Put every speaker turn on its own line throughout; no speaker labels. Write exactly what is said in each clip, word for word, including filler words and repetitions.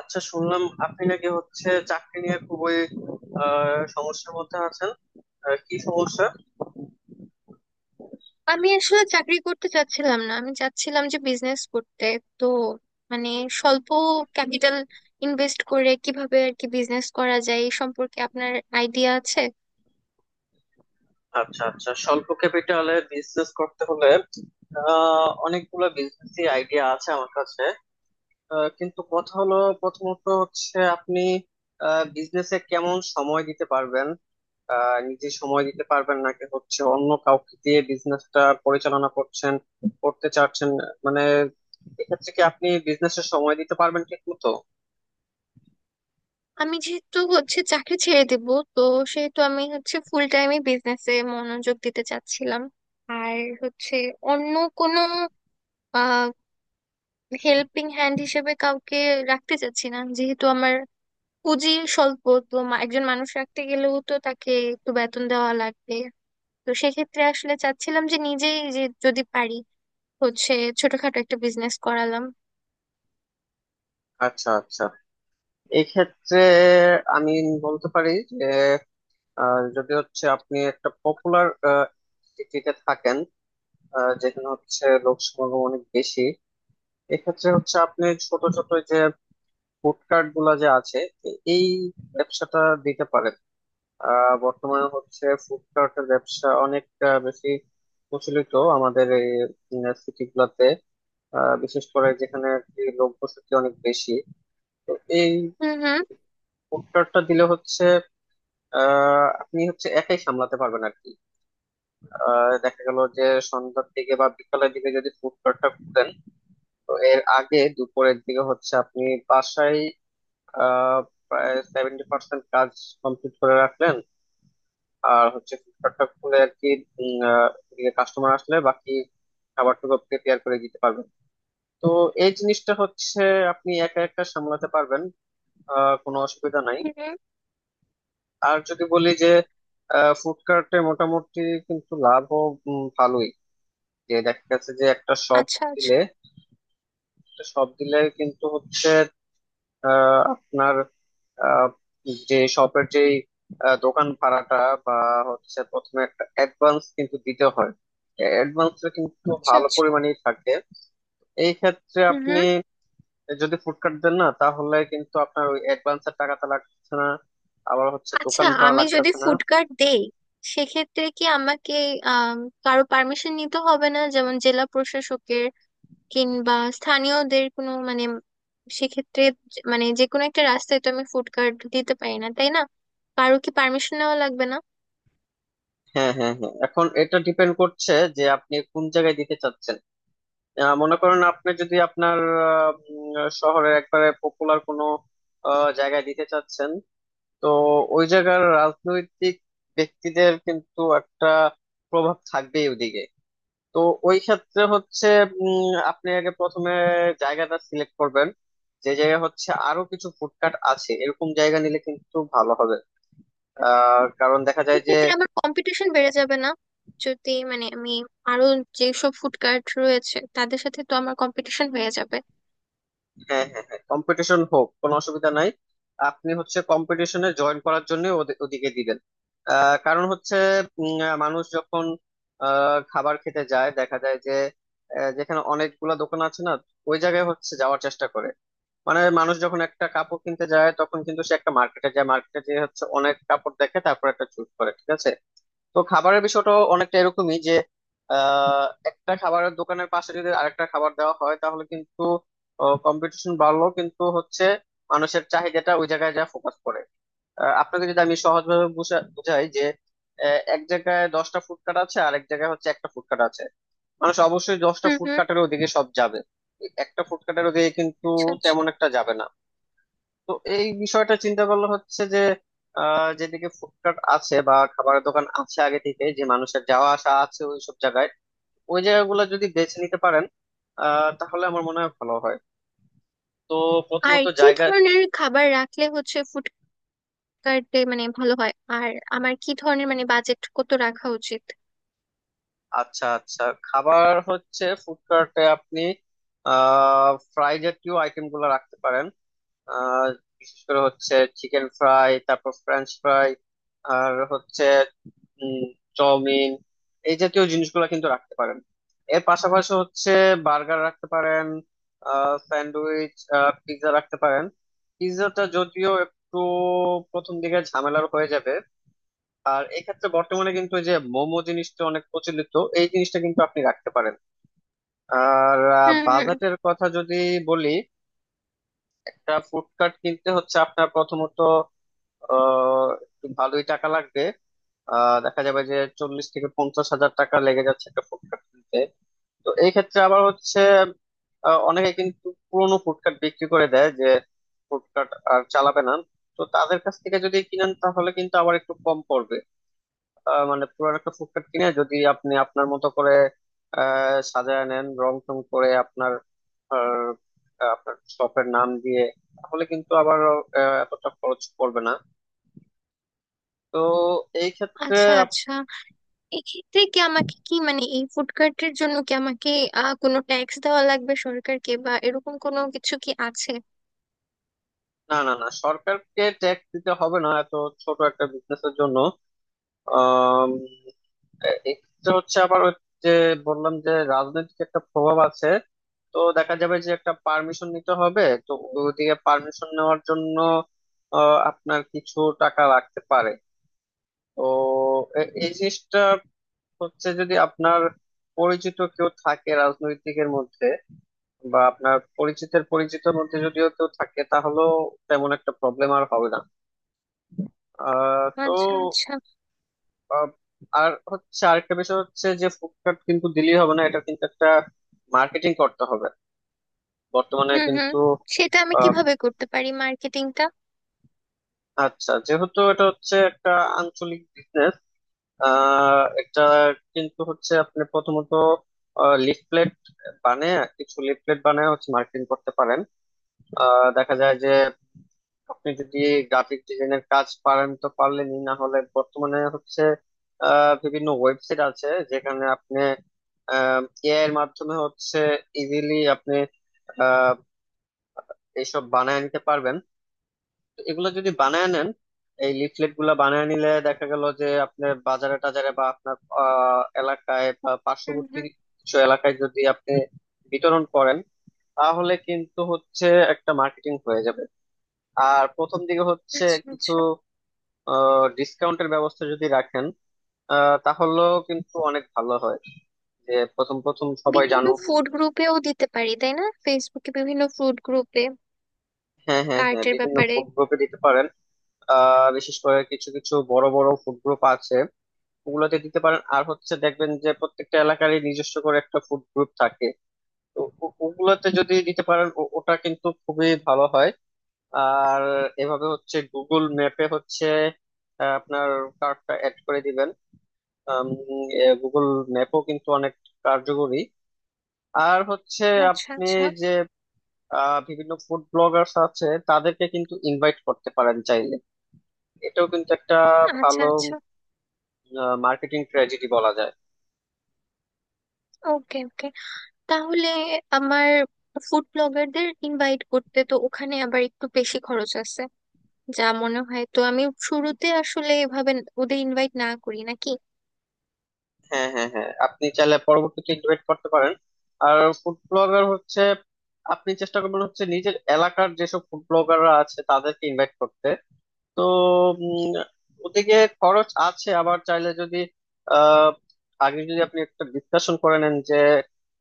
আচ্ছা শুনলাম আপনি নাকি হচ্ছে চাকরি নিয়ে খুবই আহ, সমস্যার মধ্যে আছেন। আহ, কি সমস্যা?
আমি আসলে চাকরি করতে চাচ্ছিলাম না। আমি চাচ্ছিলাম যে বিজনেস করতে। তো মানে স্বল্প ক্যাপিটাল ইনভেস্ট করে কিভাবে আর কি বিজনেস করা যায় এই সম্পর্কে আপনার আইডিয়া আছে?
আচ্ছা আচ্ছা, স্বল্প ক্যাপিটালে বিজনেস করতে হলে আহ, অনেকগুলো বিজনেস আইডিয়া আছে আমার কাছে। আহ, কিন্তু কথা হলো প্রথমত হচ্ছে আপনি বিজনেসে কেমন সময় দিতে পারবেন। আহ, নিজে সময় দিতে পারবেন নাকি হচ্ছে অন্য কাউকে দিয়ে বিজনেসটা পরিচালনা করছেন করতে চাচ্ছেন? মানে এক্ষেত্রে কি আপনি বিজনেসে সময় দিতে পারবেন ঠিক মতো?
আমি যেহেতু হচ্ছে চাকরি ছেড়ে দেব, তো সেহেতু আমি হচ্ছে ফুল টাইমে বিজনেসে মনোযোগ দিতে চাচ্ছিলাম। আর হচ্ছে অন্য কোনো আহ হেল্পিং হ্যান্ড হিসেবে কাউকে রাখতে চাচ্ছি না, যেহেতু আমার পুঁজি স্বল্প। তো মা- একজন মানুষ রাখতে গেলেও তো তাকে একটু বেতন দেওয়া লাগবে। তো সেক্ষেত্রে আসলে চাচ্ছিলাম যে নিজেই যে যদি পারি হচ্ছে ছোটখাটো একটা বিজনেস করালাম।
আচ্ছা আচ্ছা, এক্ষেত্রে আমি বলতে পারি যে আহ, যদি হচ্ছে আপনি একটা পপুলার সিটিতে থাকেন, আহ, যেখানে হচ্ছে লোক সমাগম অনেক বেশি, এক্ষেত্রে হচ্ছে আপনি ছোট ছোট যে ফুড কার্ট গুলা যে আছে এ- এই ব্যবসাটা দিতে পারেন। আহ, বর্তমানে হচ্ছে ফুড কার্টের ব্যবসা অনেক আহ, বেশি প্রচলিত আমাদের এই সিটি গুলাতে, আহ, বিশেষ করে যেখানে আর কি লোক বসতি অনেক বেশি। তো এই
হুম হুম।
ফুড কার্টটা দিলে হচ্ছে আহ, আপনি হচ্ছে একাই সামলাতে পারবেন আর কি। আহ, দেখা গেল যে সন্ধ্যার দিকে বা বিকালের দিকে যদি ফুড কোর্টটা খুলেন, তো এর আগে দুপুরের দিকে হচ্ছে আপনি বাসায় আহ, প্রায় সেভেন্টি পার্সেন্ট কাজ কমপ্লিট করে রাখলেন। আর হচ্ছে ফুড কোর্টটা খুলে আর কি কাস্টমার আসলে বাকি খাবারটুকু প্রিপেয়ার করে দিতে পারবেন। তো এই জিনিসটা হচ্ছে আপনি একা একা সামলাতে পারবেন, আহ, কোনো অসুবিধা নাই।
হুম হুম।
আর যদি বলি যে ফুড কার্টে মোটামুটি কিন্তু লাভও উম, ভালোই, যে দেখা গেছে যে একটা শপ
আচ্ছা
দিলে,
আচ্ছা।
একটা শপ দিলে কিন্তু হচ্ছে আহ, আপনার আহ, যে শপের যে দোকান ভাড়াটা বা হচ্ছে প্রথমে একটা অ্যাডভান্স কিন্তু দিতে হয়। অ্যাডভান্সটা কিন্তু
আচ্ছা
ভালো
আচ্ছা।
পরিমাণেই থাকে। এই ক্ষেত্রে
হুম
আপনি
হুম।
যদি ফুড কার্ট দেন না তাহলে কিন্তু আপনার ওই অ্যাডভান্সের টাকাটা লাগছে না, আবার হচ্ছে
আচ্ছা,
দোকান ভাড়া
আমি যদি
লাগতেছে না।
ফুড কার্ট দেই সেক্ষেত্রে কি আমাকে আহ কারো পারমিশন নিতে হবে না, যেমন জেলা প্রশাসকের কিংবা স্থানীয়দের? কোনো মানে সেক্ষেত্রে যে- মানে যে কোনো একটা রাস্তায় তো আমি ফুড কার্ট দিতে পারি না, তাই না? কারো কি পারমিশন নেওয়া লাগবে না?
হ্যাঁ হ্যাঁ হ্যাঁ, এখন এটা ডিপেন্ড করছে যে আপনি কোন জায়গায় দিতে চাচ্ছেন। আহ, মনে করেন আপনি যদি আপনার আহ, উম, শহরের একবারে পপুলার কোনো আহ, জায়গায় দিতে চাচ্ছেন, তো ওই জায়গার রাজনৈতিক ব্যক্তিদের কিন্তু একটা প্রভাব থাকবেই ওদিকে। তো ওই ক্ষেত্রে হচ্ছে উম, আপনি আগে প্রথমে জায়গাটা সিলেক্ট করবেন। যে জায়গা হচ্ছে আরো কিছু ফুডকার্ট আছে এরকম জায়গা নিলে কিন্তু ভালো হবে। আহ কারণ দেখা যায় যে
সেক্ষেত্রে আমার কম্পিটিশন বেড়ে যাবে না? যদি মানে আমি আরো যেসব ফুড কার্ট রয়েছে তাদের সাথে তো আমার কম্পিটিশন হয়ে যাবে।
হ্যাঁ হ্যাঁ হ্যাঁ, কম্পিটিশন হোক কোনো অসুবিধা নাই। আপনি হচ্ছে কম্পিটিশনে জয়েন করার জন্য ওদে- ওদিকে দিবেন। আহ, কারণ হচ্ছে উম, আহ, মানুষ যখন আহ, খাবার খেতে যায় দেখা যায় যে আহ, যেখানে অনেকগুলা দোকান আছে না, ওই জায়গায় হচ্ছে যাওয়ার চেষ্টা করে। মানে মানুষ যখন একটা কাপড় কিনতে যায় তখন কিন্তু সে একটা মার্কেটে যায়, মার্কেটে যেয়ে হচ্ছে অনেক কাপড় দেখে তারপর একটা চুজ করে ঠিক আছে। তো খাবারের বিষয়টা অনেকটা এরকমই যে আহ, একটা খাবারের দোকানের পাশে যদি আরেকটা খাবার দেওয়া হয় তাহলে কিন্তু কম্পিটিশন বাড়লো কিন্তু হচ্ছে মানুষের চাহিদাটা ওই জায়গায় যা ফোকাস করে। আহ, আপনাকে যদি আমি সহজভাবে বুঝা- বুঝাই যে আহ, এক জায়গায় দশটা ফুড কার্ট আছে আর এক জায়গায় হচ্ছে একটা ফুড কার্ট আছে, মানুষ অবশ্যই দশটা
হুম
ফুড
হুম।
কার্টের ওদিকে সব যাবে, একটা ফুড কার্টের ওদিকে কিন্তু
আচ্ছা আচ্ছা।
তেমন একটা যাবে না। তো এই বিষয়টা চিন্তা করলে হচ্ছে যে আহ, যেদিকে ফুডকার্ট আছে বা খাবারের দোকান আছে আগে থেকে, যে মানুষের যাওয়া আসা আছে ওই সব জায়গায়, ওই জায়গাগুলো যদি বেছে নিতে পারেন আহ, তাহলে আমার মনে হয় ভালো হয়। তো
আর
প্রথমত
কি
জায়গা।
ধরনের খাবার রাখলে হচ্ছে ফুড কার্টে মানে ভালো হয়? আর আমার কি ধরনের মানে বাজেট কত রাখা উচিত?
আচ্ছা আচ্ছা, খাবার হচ্ছে ফুডকার্টে আপনি আহ ফ্রাই জাতীয় আইটেম গুলো রাখতে পারেন। আহ বিশেষ করে হচ্ছে চিকেন ফ্রাই তারপর ফ্রেঞ্চ ফ্রাই আর হচ্ছে উম, চাউমিন, এই জাতীয় জিনিসগুলো কিন্তু রাখতে পারেন। এর পাশাপাশি হচ্ছে বার্গার রাখতে পারেন, স্যান্ডউইচ, পিৎজা রাখতে পারেন। পিৎজাটা যদিও একটু প্রথম দিকে ঝামেলার হয়ে যাবে। আর এক্ষেত্রে বর্তমানে কিন্তু এই যে মোমো জিনিসটা অনেক প্রচলিত, এই জিনিসটা কিন্তু আপনি রাখতে পারেন। আর আহ,
হুম হুম।
বাজেটের কথা যদি বলি, একটা ফুড কার্ট কিনতে হচ্ছে আপনার প্রথমত আহ, একটু ভালোই টাকা লাগবে। আহ দেখা যাবে যে চল্লিশ থেকে পঞ্চাশ হাজার টাকা লেগে যাচ্ছে একটা ফুডকার্ট কিনতে। তো এই ক্ষেত্রে আবার হচ্ছে আহ, অনেকে কিন্তু পুরোনো ফুডকার্ট বিক্রি করে দেয় যে ফুডকার্ট আর চালাবে না। তো তাদের কাছ থেকে যদি কিনেন তাহলে কিন্তু আবার একটু কম পড়বে। আহ, মানে পুরান একটা ফুডকার্ট কিনে যদি আপনি আপনার মতো করে আহ সাজায় নেন রং টং করে আপনার আহ, আপনার শপের নাম দিয়ে, তাহলে কিন্তু আবার আহ, এতটা খরচ পড়বে না। তো এই ক্ষেত্রে।
আচ্ছা আচ্ছা। এক্ষেত্রে কি আমাকে কি মানে এই ফুড কার্টের জন্য কি আমাকে আহ কোনো ট্যাক্স দেওয়া লাগবে সরকারকে, বা এরকম কোনো কিছু কি আছে?
না না না, সরকারকে ট্যাক্স দিতে হবে না এত ছোট একটা বিজনেসের জন্য। আম, এ- এটা হচ্ছে আবার ওই যে বললাম যে রাজনৈতিক একটা প্রভাব আছে, তো দেখা যাবে যে একটা পারমিশন নিতে হবে। তো ওদিকে পারমিশন নেওয়ার জন্য আহ, আপনার কিছু টাকা লাগতে পারে। তো এ- এই জিনিসটা হচ্ছে যদি আপনার পরিচিত কেউ থাকে রাজনৈতিকের মধ্যে বা আপনার পরিচিতের পরিচিতের মধ্যে যদিও কেউ থাকে, তাহলেও তেমন একটা প্রবলেম আর হবে না। আহ তো
আচ্ছা আচ্ছা।
আহ, আর হচ্ছে আরেকটা বিষয় হচ্ছে যে ফুডকার্ট কিন্তু দিলেই হবে না, এটা কিন্তু একটা মার্কেটিং করতে হবে। বর্তমানে
হুম হুম।
কিন্তু
সেটা আমি
আহ,
কিভাবে করতে পারি মার্কেটিংটা?
আচ্ছা যেহেতু এটা হচ্ছে একটা আঞ্চলিক বিজনেস, আহ এটা কিন্তু হচ্ছে আপনি প্রথমত লিফলেট বানিয়ে, কিছু লিফলেট বানিয়ে হচ্ছে মার্কেটিং করতে পারেন। আহ, দেখা যায় যে আপনি যদি গ্রাফিক ডিজাইনের কাজ পারেন তো পারলেনই, না হলে বর্তমানে হচ্ছে আহ, বিভিন্ন ওয়েবসাইট আছে যেখানে আপনি এআই এর মাধ্যমে হচ্ছে ইজিলি আপনি আহ, এইসব বানায় নিতে পারবেন। তো এগুলো যদি বানায় নেন, এই লিফলেট গুলা বানায় নিলে দেখা গেল যে আপনার বাজারে টাজারে বা আপনার আহ, এলাকায় বা
হুম
পার্শ্ববর্তী
হুম।
কিছু এলাকায় যদি আপনি বিতরণ করেন তাহলে কিন্তু হচ্ছে একটা মার্কেটিং হয়ে যাবে। আর প্রথম দিকে হচ্ছে
আচ্ছা
কিছু
আচ্ছা।
ডিসকাউন্টের ব্যবস্থা যদি রাখেন আহ, তাহলেও কিন্তু অনেক ভালো হয়, যে প্রথম প্রথম সবাই
বিভিন্ন
জানুক।
ফুড গ্রুপেও দিতে পারি তাই না, ফেসবুকে বিভিন্ন ফুড গ্রুপে
হ্যাঁ হ্যাঁ হ্যাঁ,
কার্টের
বিভিন্ন
ব্যাপারে?
ফুড গ্রুপে দিতে পারেন। আহ, বিশেষ করে কিছু কিছু বড় বড় ফুড গ্রুপ আছে ওগুলোতে দিতে পারেন। আর হচ্ছে দেখবেন যে প্রত্যেকটা এলাকারই নিজস্ব করে একটা ফুড গ্রুপ থাকে। তো ও- ওগুলোতে যদি দিতে পারেন ও- ওটা কিন্তু খুবই ভালো হয়। আর এভাবে হচ্ছে গুগল ম্যাপে হচ্ছে আহ, আপনার কার্ডটা অ্যাড করে দিবেন। গুগল ম্যাপও কিন্তু অনেক কার্যকরী। আর হচ্ছে
আচ্ছা
আপনি
আচ্ছা।
যে আহ, বিভিন্ন ফুড ব্লগার্স আছে তাদেরকে কিন্তু ইনভাইট করতে পারেন চাইলে, এটাও কিন্তু একটা
আচ্ছা
ভালো
আচ্ছা।
মার্কেটিং ট্র্যাজেডি বলা যায়।
ওকে ওকে। তাহলে আমার ফুড ব্লগারদের ইনভাইট করতে তো ওখানে আবার একটু বেশি খরচ আছে যা মনে হয়, তো আমি শুরুতে আসলে এভাবে ওদের ইনভাইট না করি নাকি?
হ্যাঁ হ্যাঁ হ্যাঁ, আপনি চাইলে পরবর্তীতে ইনভাইট করতে পারেন। আর ফুড ব্লগার হচ্ছে আপনি চেষ্টা করবেন হচ্ছে নিজের এলাকার যেসব ফুড ব্লগাররা আছে তাদেরকে ইনভাইট করতে। তো উম, ওদিকে খরচ আছে আবার চাইলে যদি আহ আগে যদি আপনি একটা ডিসকাশন করে নেন যে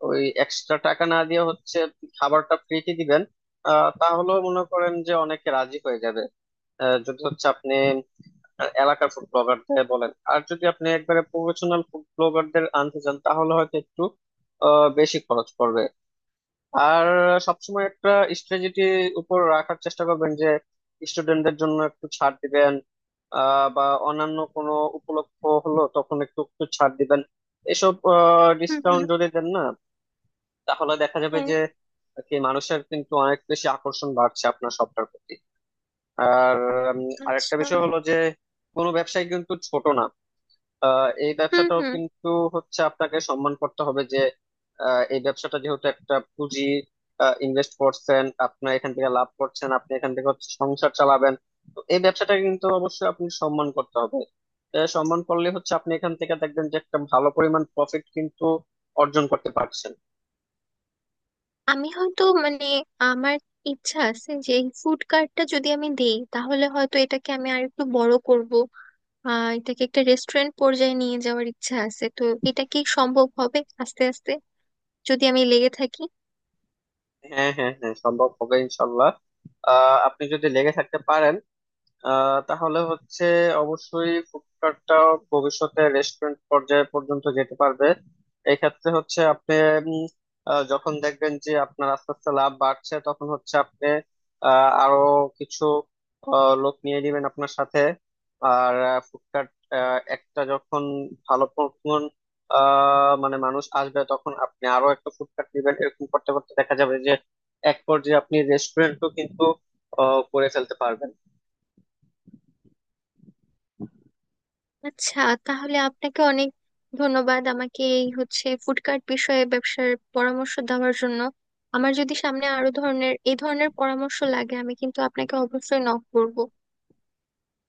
ওই এক্সট্রা টাকা না দিয়ে হচ্ছে খাবারটা ফ্রিতে দিবেন, আহ তাহলেও মনে করেন যে অনেকে রাজি হয়ে যাবে। আহ, যদি হচ্ছে আপনি এলাকার ফুড ব্লগারদের বলেন। আর যদি আপনি একবারে প্রফেশনাল ফুড ব্লগারদের আনতে চান তাহলে হয়তো একটু আহ বেশি খরচ পড়বে। আর সবসময় একটা স্ট্র্যাটেজি উপর রাখার চেষ্টা করবেন যে স্টুডেন্টদের জন্য একটু ছাড় দিবেন, আহ, বা অন্যান্য কোনো উপলক্ষ হলো তখন একটু একটু ছাড় দিবেন। এসব
হুম
ডিসকাউন্ট
হুম।
যদি দেন না তাহলে দেখা যাবে
হ্যাঁ।
যে কি মানুষের কিন্তু অনেক বেশি আকর্ষণ বাড়ছে আপনার সবটার প্রতি। আর উম, আরেকটা
আচ্ছা।
বিষয় হলো যে কোনো ব্যবসায় কিন্তু ছোট না। আহ এই
হুম
ব্যবসাটাও
হুম।
কিন্তু হচ্ছে আপনাকে সম্মান করতে হবে যে আহ, এই ব্যবসাটা যেহেতু একটা পুঁজি ইনভেস্ট করছেন আপনি, এখান থেকে লাভ করছেন আপনি, এখান থেকে হচ্ছে সংসার চালাবেন। তো এই ব্যবসাটাকে কিন্তু অবশ্যই আপনি সম্মান করতে হবে। এ, সম্মান করলে হচ্ছে আপনি এখান থেকে দেখবেন যে একটা ভালো পরিমাণ প্রফিট কিন্তু অর্জন করতে পারছেন।
আমি হয়তো মানে আমার ইচ্ছা আছে যে এই ফুড কার্টটা যদি আমি দেই তাহলে হয়তো এটাকে আমি আর একটু বড় করব। আহ, এটাকে একটা রেস্টুরেন্ট পর্যায়ে নিয়ে যাওয়ার ইচ্ছা আছে, তো এটা কি সম্ভব হবে আস্তে আস্তে যদি আমি লেগে থাকি?
হ্যাঁ হ্যাঁ হ্যাঁ, সম্ভব হবে ইনশাল্লাহ। আহ আপনি যদি লেগে থাকতে পারেন আহ তাহলে হচ্ছে অবশ্যই ফুডকার্টটা ভবিষ্যতে রেস্টুরেন্ট পর্যায়ে পর্যন্ত যেতে পারবে। এক্ষেত্রে হচ্ছে আপনি উম, আহ, যখন দেখবেন যে আপনার আস্তে আস্তে লাভ বাড়ছে তখন হচ্ছে আপনি আহ, আরো কিছু আহ, লোক নিয়ে নেবেন আপনার সাথে। আর ফুডকার্ট একটা যখন ভালো পরিমাণ আহ মানে মানুষ আসবে তখন আপনি আরো একটা ফুডকার্ট নেবেন, এরকম করতে করতে দেখা যাবে যে এক পর্যায়ে আপনি রেস্টুরেন্টও কিন্তু আহ, করে ফেলতে পারবেন।
আচ্ছা, তাহলে আপনাকে অনেক ধন্যবাদ আমাকে এই হচ্ছে ফুড কার্ট বিষয়ে ব্যবসার পরামর্শ দেওয়ার জন্য। আমার যদি সামনে আরো ধরনের এই ধরনের পরামর্শ লাগে আমি কিন্তু আপনাকে অবশ্যই নক করব।